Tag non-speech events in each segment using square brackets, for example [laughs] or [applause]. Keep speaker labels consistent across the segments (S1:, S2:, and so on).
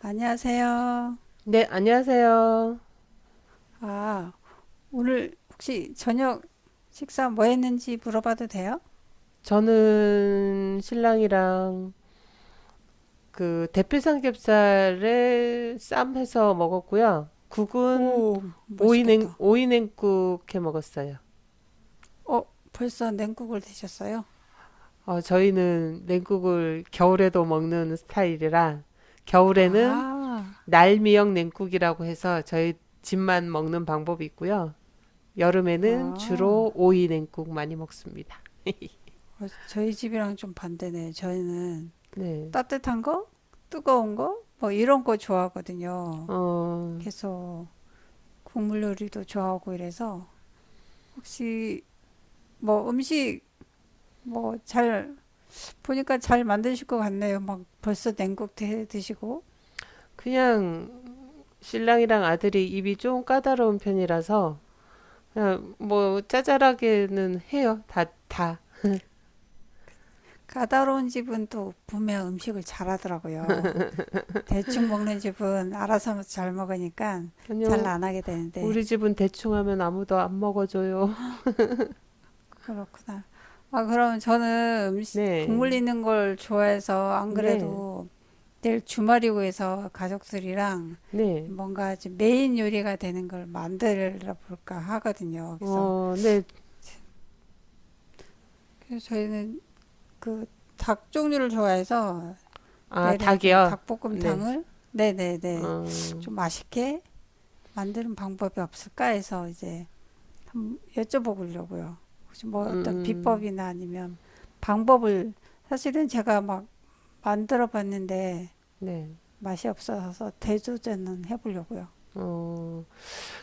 S1: 안녕하세요.
S2: 네, 안녕하세요.
S1: 아, 오늘 혹시 저녁 식사 뭐 했는지 물어봐도 돼요?
S2: 저는 신랑이랑 그 대패 삼겹살에 쌈 해서 먹었고요. 국은
S1: 오, 맛있겠다.
S2: 오이 냉국 해 먹었어요.
S1: 어, 벌써 냉국을 드셨어요?
S2: 어, 저희는 냉국을 겨울에도 먹는 스타일이라 겨울에는
S1: 아하,
S2: 날미역 냉국이라고 해서 저희 집만 먹는 방법이 있고요. 여름에는
S1: 아,
S2: 주로 오이 냉국 많이 먹습니다.
S1: 어, 저희 집이랑 좀 반대네. 저희는
S2: 네.
S1: 따뜻한 거, 뜨거운 거, 뭐 이런 거 좋아하거든요.
S2: 어,
S1: 계속 국물 요리도 좋아하고 이래서 혹시 뭐 음식 뭐 잘 보니까 잘 만드실 것 같네요. 막 벌써 냉국 드시고.
S2: 그냥 신랑이랑 아들이 입이 좀 까다로운 편이라서 그냥 뭐 짜잘하게는 해요. 다 다.
S1: 까다로운 집은 또 분명 음식을 잘하더라고요. 대충 먹는 집은 알아서 잘 먹으니까 잘
S2: 아니요.
S1: 안 하게 되는데
S2: 우리 집은 대충 하면 아무도 안 먹어줘요. [laughs]
S1: 그렇구나. 아 그럼 저는 음식, 국물
S2: 네.
S1: 있는 걸 좋아해서 안
S2: 네.
S1: 그래도 내일 주말이고 해서 가족들이랑
S2: 네.
S1: 뭔가 좀 메인 요리가 되는 걸 만들어 볼까 하거든요. 그래서
S2: 어, 네.
S1: 그래서 저희는 그 닭 종류를 좋아해서
S2: 아,
S1: 내일은 좀
S2: 닭이요. 네.
S1: 닭볶음탕을 네네네
S2: 어.
S1: 좀 맛있게 만드는 방법이 없을까 해서 이제 한번 여쭤보려고요. 혹시 뭐 어떤
S2: 음.
S1: 비법이나 아니면 방법을 사실은 제가 막 만들어 봤는데
S2: 네.
S1: 맛이 없어서 대조제는 해보려고요.
S2: 어.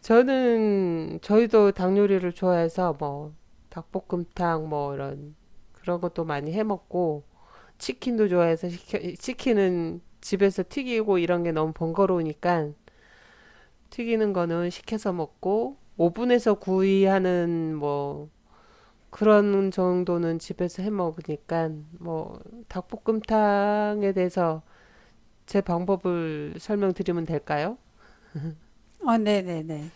S2: 저는 저희도 닭 요리를 좋아해서 뭐 닭볶음탕 뭐 이런 그런 것도 많이 해 먹고 치킨은 집에서 튀기고 이런 게 너무 번거로우니까 튀기는 거는 시켜서 먹고 오븐에서 구이하는 뭐 그런 정도는 집에서 해 먹으니까 뭐 닭볶음탕에 대해서 제 방법을 설명드리면 될까요?
S1: 어, 네네네.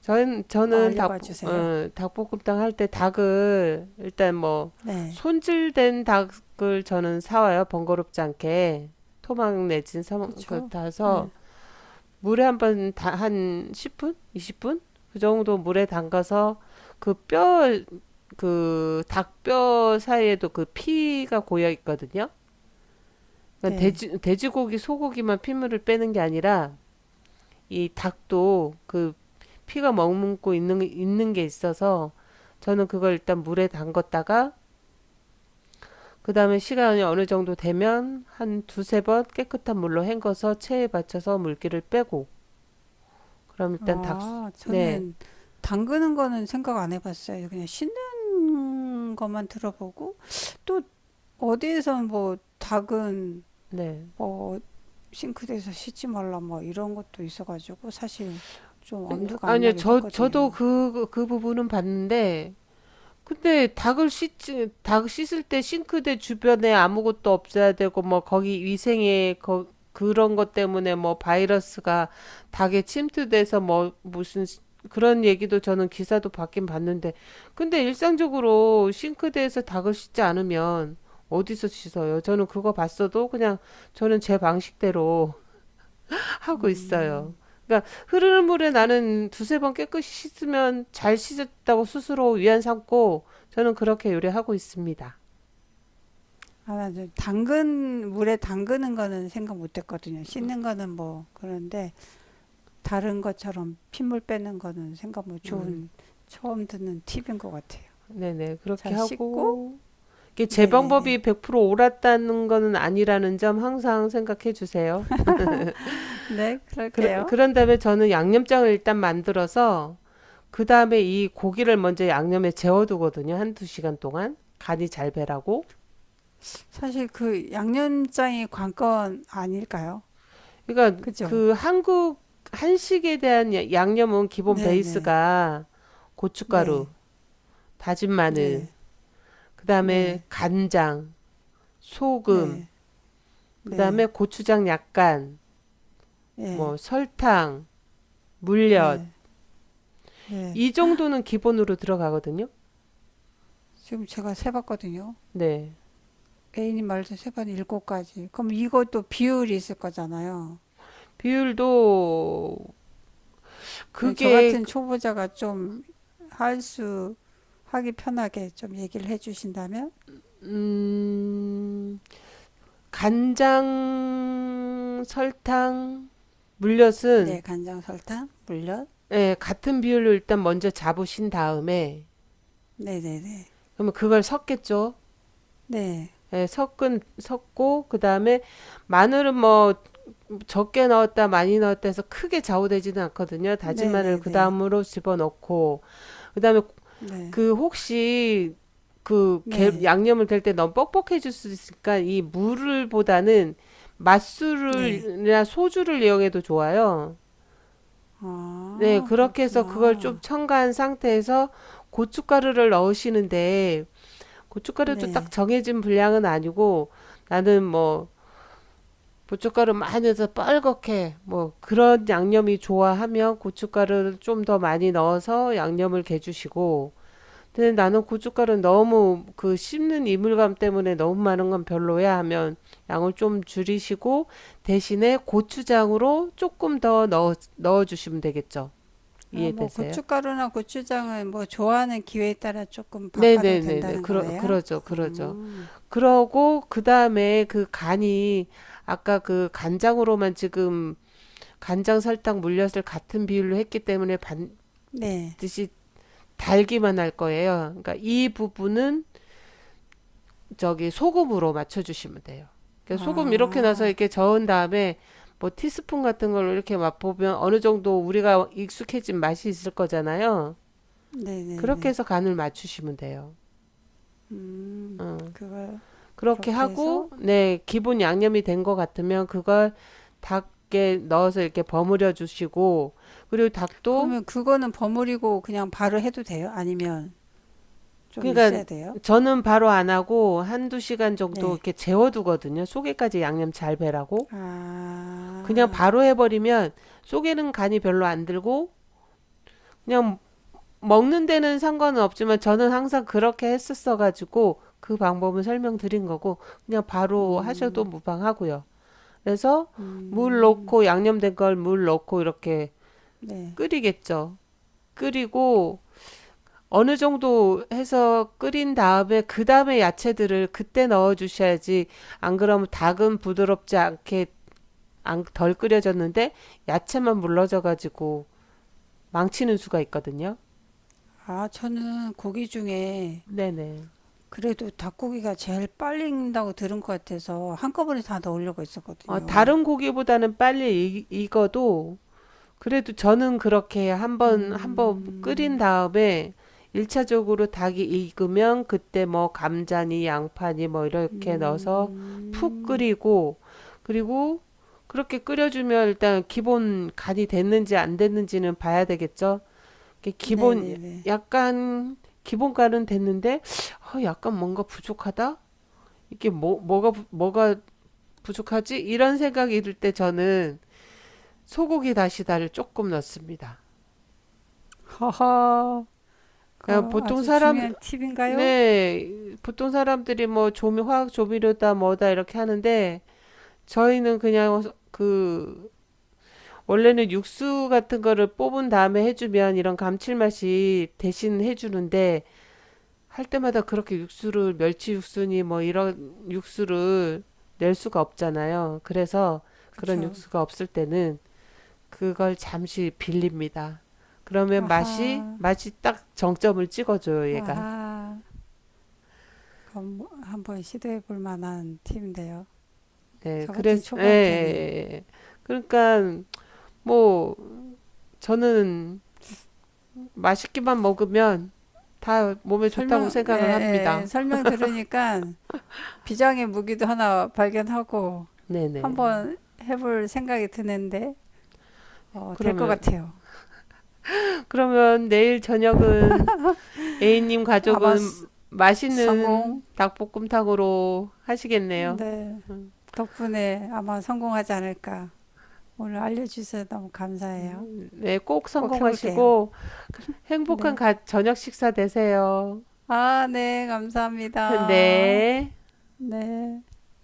S2: 저는
S1: 한번
S2: 저는 닭
S1: 알려봐 주세요.
S2: 어, 닭볶음탕 할 때 닭을 일단 뭐
S1: 네.
S2: 손질된 닭을 저는 사와요, 번거롭지 않게 토막 내진. 사, 그,
S1: 그쵸.
S2: 다서
S1: 네.
S2: 물에 한번 다 한 10분? 20분? 그 정도 물에 담가서 그 뼈, 그 닭 뼈 사이에도 그 피가 고여 있거든요. 그러니까
S1: 네.
S2: 돼지고기, 소고기만 피물을 빼는 게 아니라 이 닭도 그 피가 머금고 있는 게 있어서 저는 그걸 일단 물에 담갔다가 그 다음에 시간이 어느 정도 되면 한 두세 번 깨끗한 물로 헹궈서 체에 받쳐서 물기를 빼고 그럼 일단 닭,
S1: 아,
S2: 네,
S1: 저는 담그는 거는 생각 안 해봤어요. 그냥 씻는 것만 들어보고 또 어디에서 뭐 닭은
S2: 네.
S1: 뭐 싱크대에서 씻지 말라 뭐 이런 것도 있어가지고 사실 좀 엄두가 안
S2: 아니요,
S1: 나긴
S2: 저도
S1: 했거든요.
S2: 그, 그 부분은 봤는데, 근데 닭 씻을 때 싱크대 주변에 아무것도 없어야 되고, 뭐, 거기 위생에, 거, 그런 것 때문에 뭐, 바이러스가 닭에 침투돼서 뭐, 무슨, 그런 얘기도 저는 기사도 봤긴 봤는데, 근데 일상적으로 싱크대에서 닭을 씻지 않으면 어디서 씻어요? 저는 그거 봤어도 그냥 저는 제 방식대로 하고 있어요.
S1: 음,
S2: 그러니까 흐르는 물에 나는 두세 번 깨끗이 씻으면 잘 씻었다고 스스로 위안 삼고 저는 그렇게 요리하고 있습니다.
S1: 아, 나이 당근 물에 담그는 거는 생각 못 했거든요. 씻는 거는 뭐 그런데 다른 것처럼 핏물 빼는 거는 생각 못
S2: 음,
S1: 좋은 처음 듣는 팁인 것 같아요.
S2: 네네. 그렇게
S1: 자, 씻고
S2: 하고. 이게 제
S1: 네네네.
S2: 방법이 100% 옳았다는 거는 아니라는 점 항상 생각해 주세요.
S1: 네,
S2: 그,
S1: 그럴게요.
S2: 그런 다음에 저는 양념장을 일단 만들어서 그 다음에 이 고기를 먼저 양념에 재워두거든요. 한두 시간 동안. 간이 잘 배라고.
S1: 사실 그 양념장이 관건 아닐까요?
S2: 그러니까
S1: 그죠?
S2: 그 한국 한식에 대한 양념은 기본
S1: 네네.
S2: 베이스가 고춧가루,
S1: 네.
S2: 다진 마늘,
S1: 네.
S2: 그다음에
S1: 네.
S2: 간장, 소금,
S1: 네.
S2: 그다음에
S1: 네,
S2: 고추장 약간,
S1: 예,
S2: 뭐 설탕, 물엿
S1: 네, 네.
S2: 이 정도는 기본으로 들어가거든요.
S1: 지금 제가 세봤거든요.
S2: 네.
S1: A님 말서세 번 7가지. 그럼 이것도 비율이 있을 거잖아요.
S2: 비율도
S1: 저
S2: 그게
S1: 같은
S2: 그,
S1: 초보자가 좀 할 수, 하기 편하게 좀 얘기를 해주신다면?
S2: 음 간장, 설탕,
S1: 네,
S2: 물엿은
S1: 간장, 설탕, 물엿.
S2: 예, 같은 비율로 일단 먼저 잡으신 다음에
S1: 네네네.
S2: 그러면 그걸 섞겠죠.
S1: 네,
S2: 예, 섞은 섞고 그다음에 마늘은 뭐 적게 넣었다 많이 넣었다 해서 크게 좌우되지는 않거든요. 다진 마늘
S1: 네네네. 네,
S2: 그다음으로 집어넣고 그다음에
S1: 네, 네.
S2: 그 혹시
S1: 네.
S2: 그
S1: 네, 네,
S2: 양념을 될 때 너무 뻑뻑해질 수 있으니까 이 물을 보다는
S1: 네.
S2: 맛술을 이나 소주를 이용해도 좋아요. 네,
S1: 아,
S2: 그렇게 해서 그걸 좀
S1: 그렇구나.
S2: 첨가한 상태에서 고춧가루를 넣으시는데 고춧가루도 딱
S1: 네.
S2: 정해진 분량은 아니고 나는 뭐 고춧가루 많이 넣어서 뻘겋게 뭐 그런 양념이 좋아하면 고춧가루를 좀 더 많이 넣어서 양념을 개주시고 근데 나는 고춧가루 너무 그 씹는 이물감 때문에 너무 많은 건 별로야 하면 양을 좀 줄이시고 대신에 고추장으로 조금 더 넣어주시면 되겠죠.
S1: 아, 뭐
S2: 이해되세요?
S1: 고춧가루나 고추장은 뭐 좋아하는 기회에 따라 조금 바꿔도
S2: 네네네네.
S1: 된다는 거네요.
S2: 그러죠, 그러죠.
S1: 음,
S2: 그러고 그다음에 그 간이 아까 그 간장으로만 지금 간장 설탕 물엿을 같은 비율로 했기 때문에
S1: 네.
S2: 반드시 달기만 할 거예요. 그러니까 이 부분은 저기 소금으로 맞춰주시면 돼요. 그러니까 소금 이렇게 넣어서
S1: 아,
S2: 이렇게 저은 다음에 뭐 티스푼 같은 걸로 이렇게 맛보면 어느 정도 우리가 익숙해진 맛이 있을 거잖아요. 그렇게
S1: 네네네.
S2: 해서 간을 맞추시면 돼요.
S1: 음,
S2: 어.
S1: 그걸
S2: 그렇게
S1: 그렇게
S2: 하고
S1: 해서
S2: 네 기본 양념이 된 것 같으면 그걸 닭에 넣어서 이렇게 버무려 주시고 그리고 닭도
S1: 그러면 그거는 버무리고 그냥 바로 해도 돼요? 아니면 좀 있어야
S2: 그러니까
S1: 돼요?
S2: 저는 바로 안 하고 한두 시간 정도
S1: 네.
S2: 이렇게 재워두거든요. 속에까지 양념 잘 배라고. 그냥
S1: 아,
S2: 바로 해버리면 속에는 간이 별로 안 들고 그냥 먹는 데는 상관은 없지만 저는 항상 그렇게 했었어가지고 그 방법은 설명드린 거고 그냥 바로 하셔도
S1: 음,
S2: 무방하고요. 그래서 물
S1: 음,
S2: 넣고 양념된 걸 물 넣고 이렇게
S1: 네.
S2: 끓이겠죠. 끓이고 어느 정도 해서 끓인 다음에 그 다음에 야채들을 그때 넣어 주셔야지 안 그러면 닭은 부드럽지 않게 덜 끓여졌는데 야채만 물러져 가지고 망치는 수가 있거든요.
S1: 아, 저는 고기 중에
S2: 네네.
S1: 그래도 닭고기가 제일 빨리 익는다고 들은 것 같아서 한꺼번에 다 넣으려고
S2: 어,
S1: 했었거든요.
S2: 다른 고기보다는 빨리 익어도 그래도 저는 그렇게 한번 끓인
S1: 음,
S2: 다음에 일차적으로 닭이 익으면 그때 뭐 감자니 양파니 뭐 이렇게 넣어서 푹
S1: 음,
S2: 끓이고 그리고 그렇게 끓여주면 일단 기본 간이 됐는지 안 됐는지는 봐야 되겠죠. 이게 기본
S1: 네네네.
S2: 약간 기본 간은 됐는데 어, 약간 뭔가 부족하다. 이게 뭐 뭐가 부족하지? 이런 생각이 들 때 저는 소고기 다시다를 조금 넣습니다.
S1: 허허, 그
S2: 어,
S1: 아주 중요한 팁인가요?
S2: 네, 보통 사람들이 뭐 조미, 화학 조미료다 뭐다 이렇게 하는데 저희는 그냥 그, 원래는 육수 같은 거를 뽑은 다음에 해주면 이런 감칠맛이 대신 해주는데 할 때마다 그렇게 멸치 육수니 뭐 이런 육수를 낼 수가 없잖아요. 그래서 그런
S1: 그쵸.
S2: 육수가 없을 때는 그걸 잠시 빌립니다. 그러면
S1: 아하,
S2: 맛이 딱 정점을 찍어줘요, 얘가.
S1: 아하. 그건 뭐 한번 시도해 볼 만한 팁인데요.
S2: 네,
S1: 저 같은
S2: 그래서 예, 예,
S1: 초보한테는.
S2: 예. 예. 그러니까 뭐 저는 맛있기만 먹으면 다 몸에 좋다고
S1: 설명, 예,
S2: 생각을
S1: 예, 예.
S2: 합니다.
S1: 설명 들으니까 비장의 무기도 하나 발견하고
S2: 네네.
S1: 한번 해볼 생각이 드는데, 어, 될 것
S2: 그러면
S1: 같아요.
S2: 그러면 내일 저녁은 A님
S1: 아마 스-
S2: 가족은 맛있는
S1: 성공,
S2: 닭볶음탕으로 하시겠네요.
S1: 네.
S2: 음,
S1: 덕분에 아마 성공하지 않을까. 오늘 알려주셔서 너무 감사해요.
S2: 네, 꼭
S1: 꼭 해볼게요.
S2: 성공하시고 행복한
S1: 네.
S2: 저녁 식사 되세요.
S1: 아, 네. 감사합니다.
S2: 네.
S1: 네.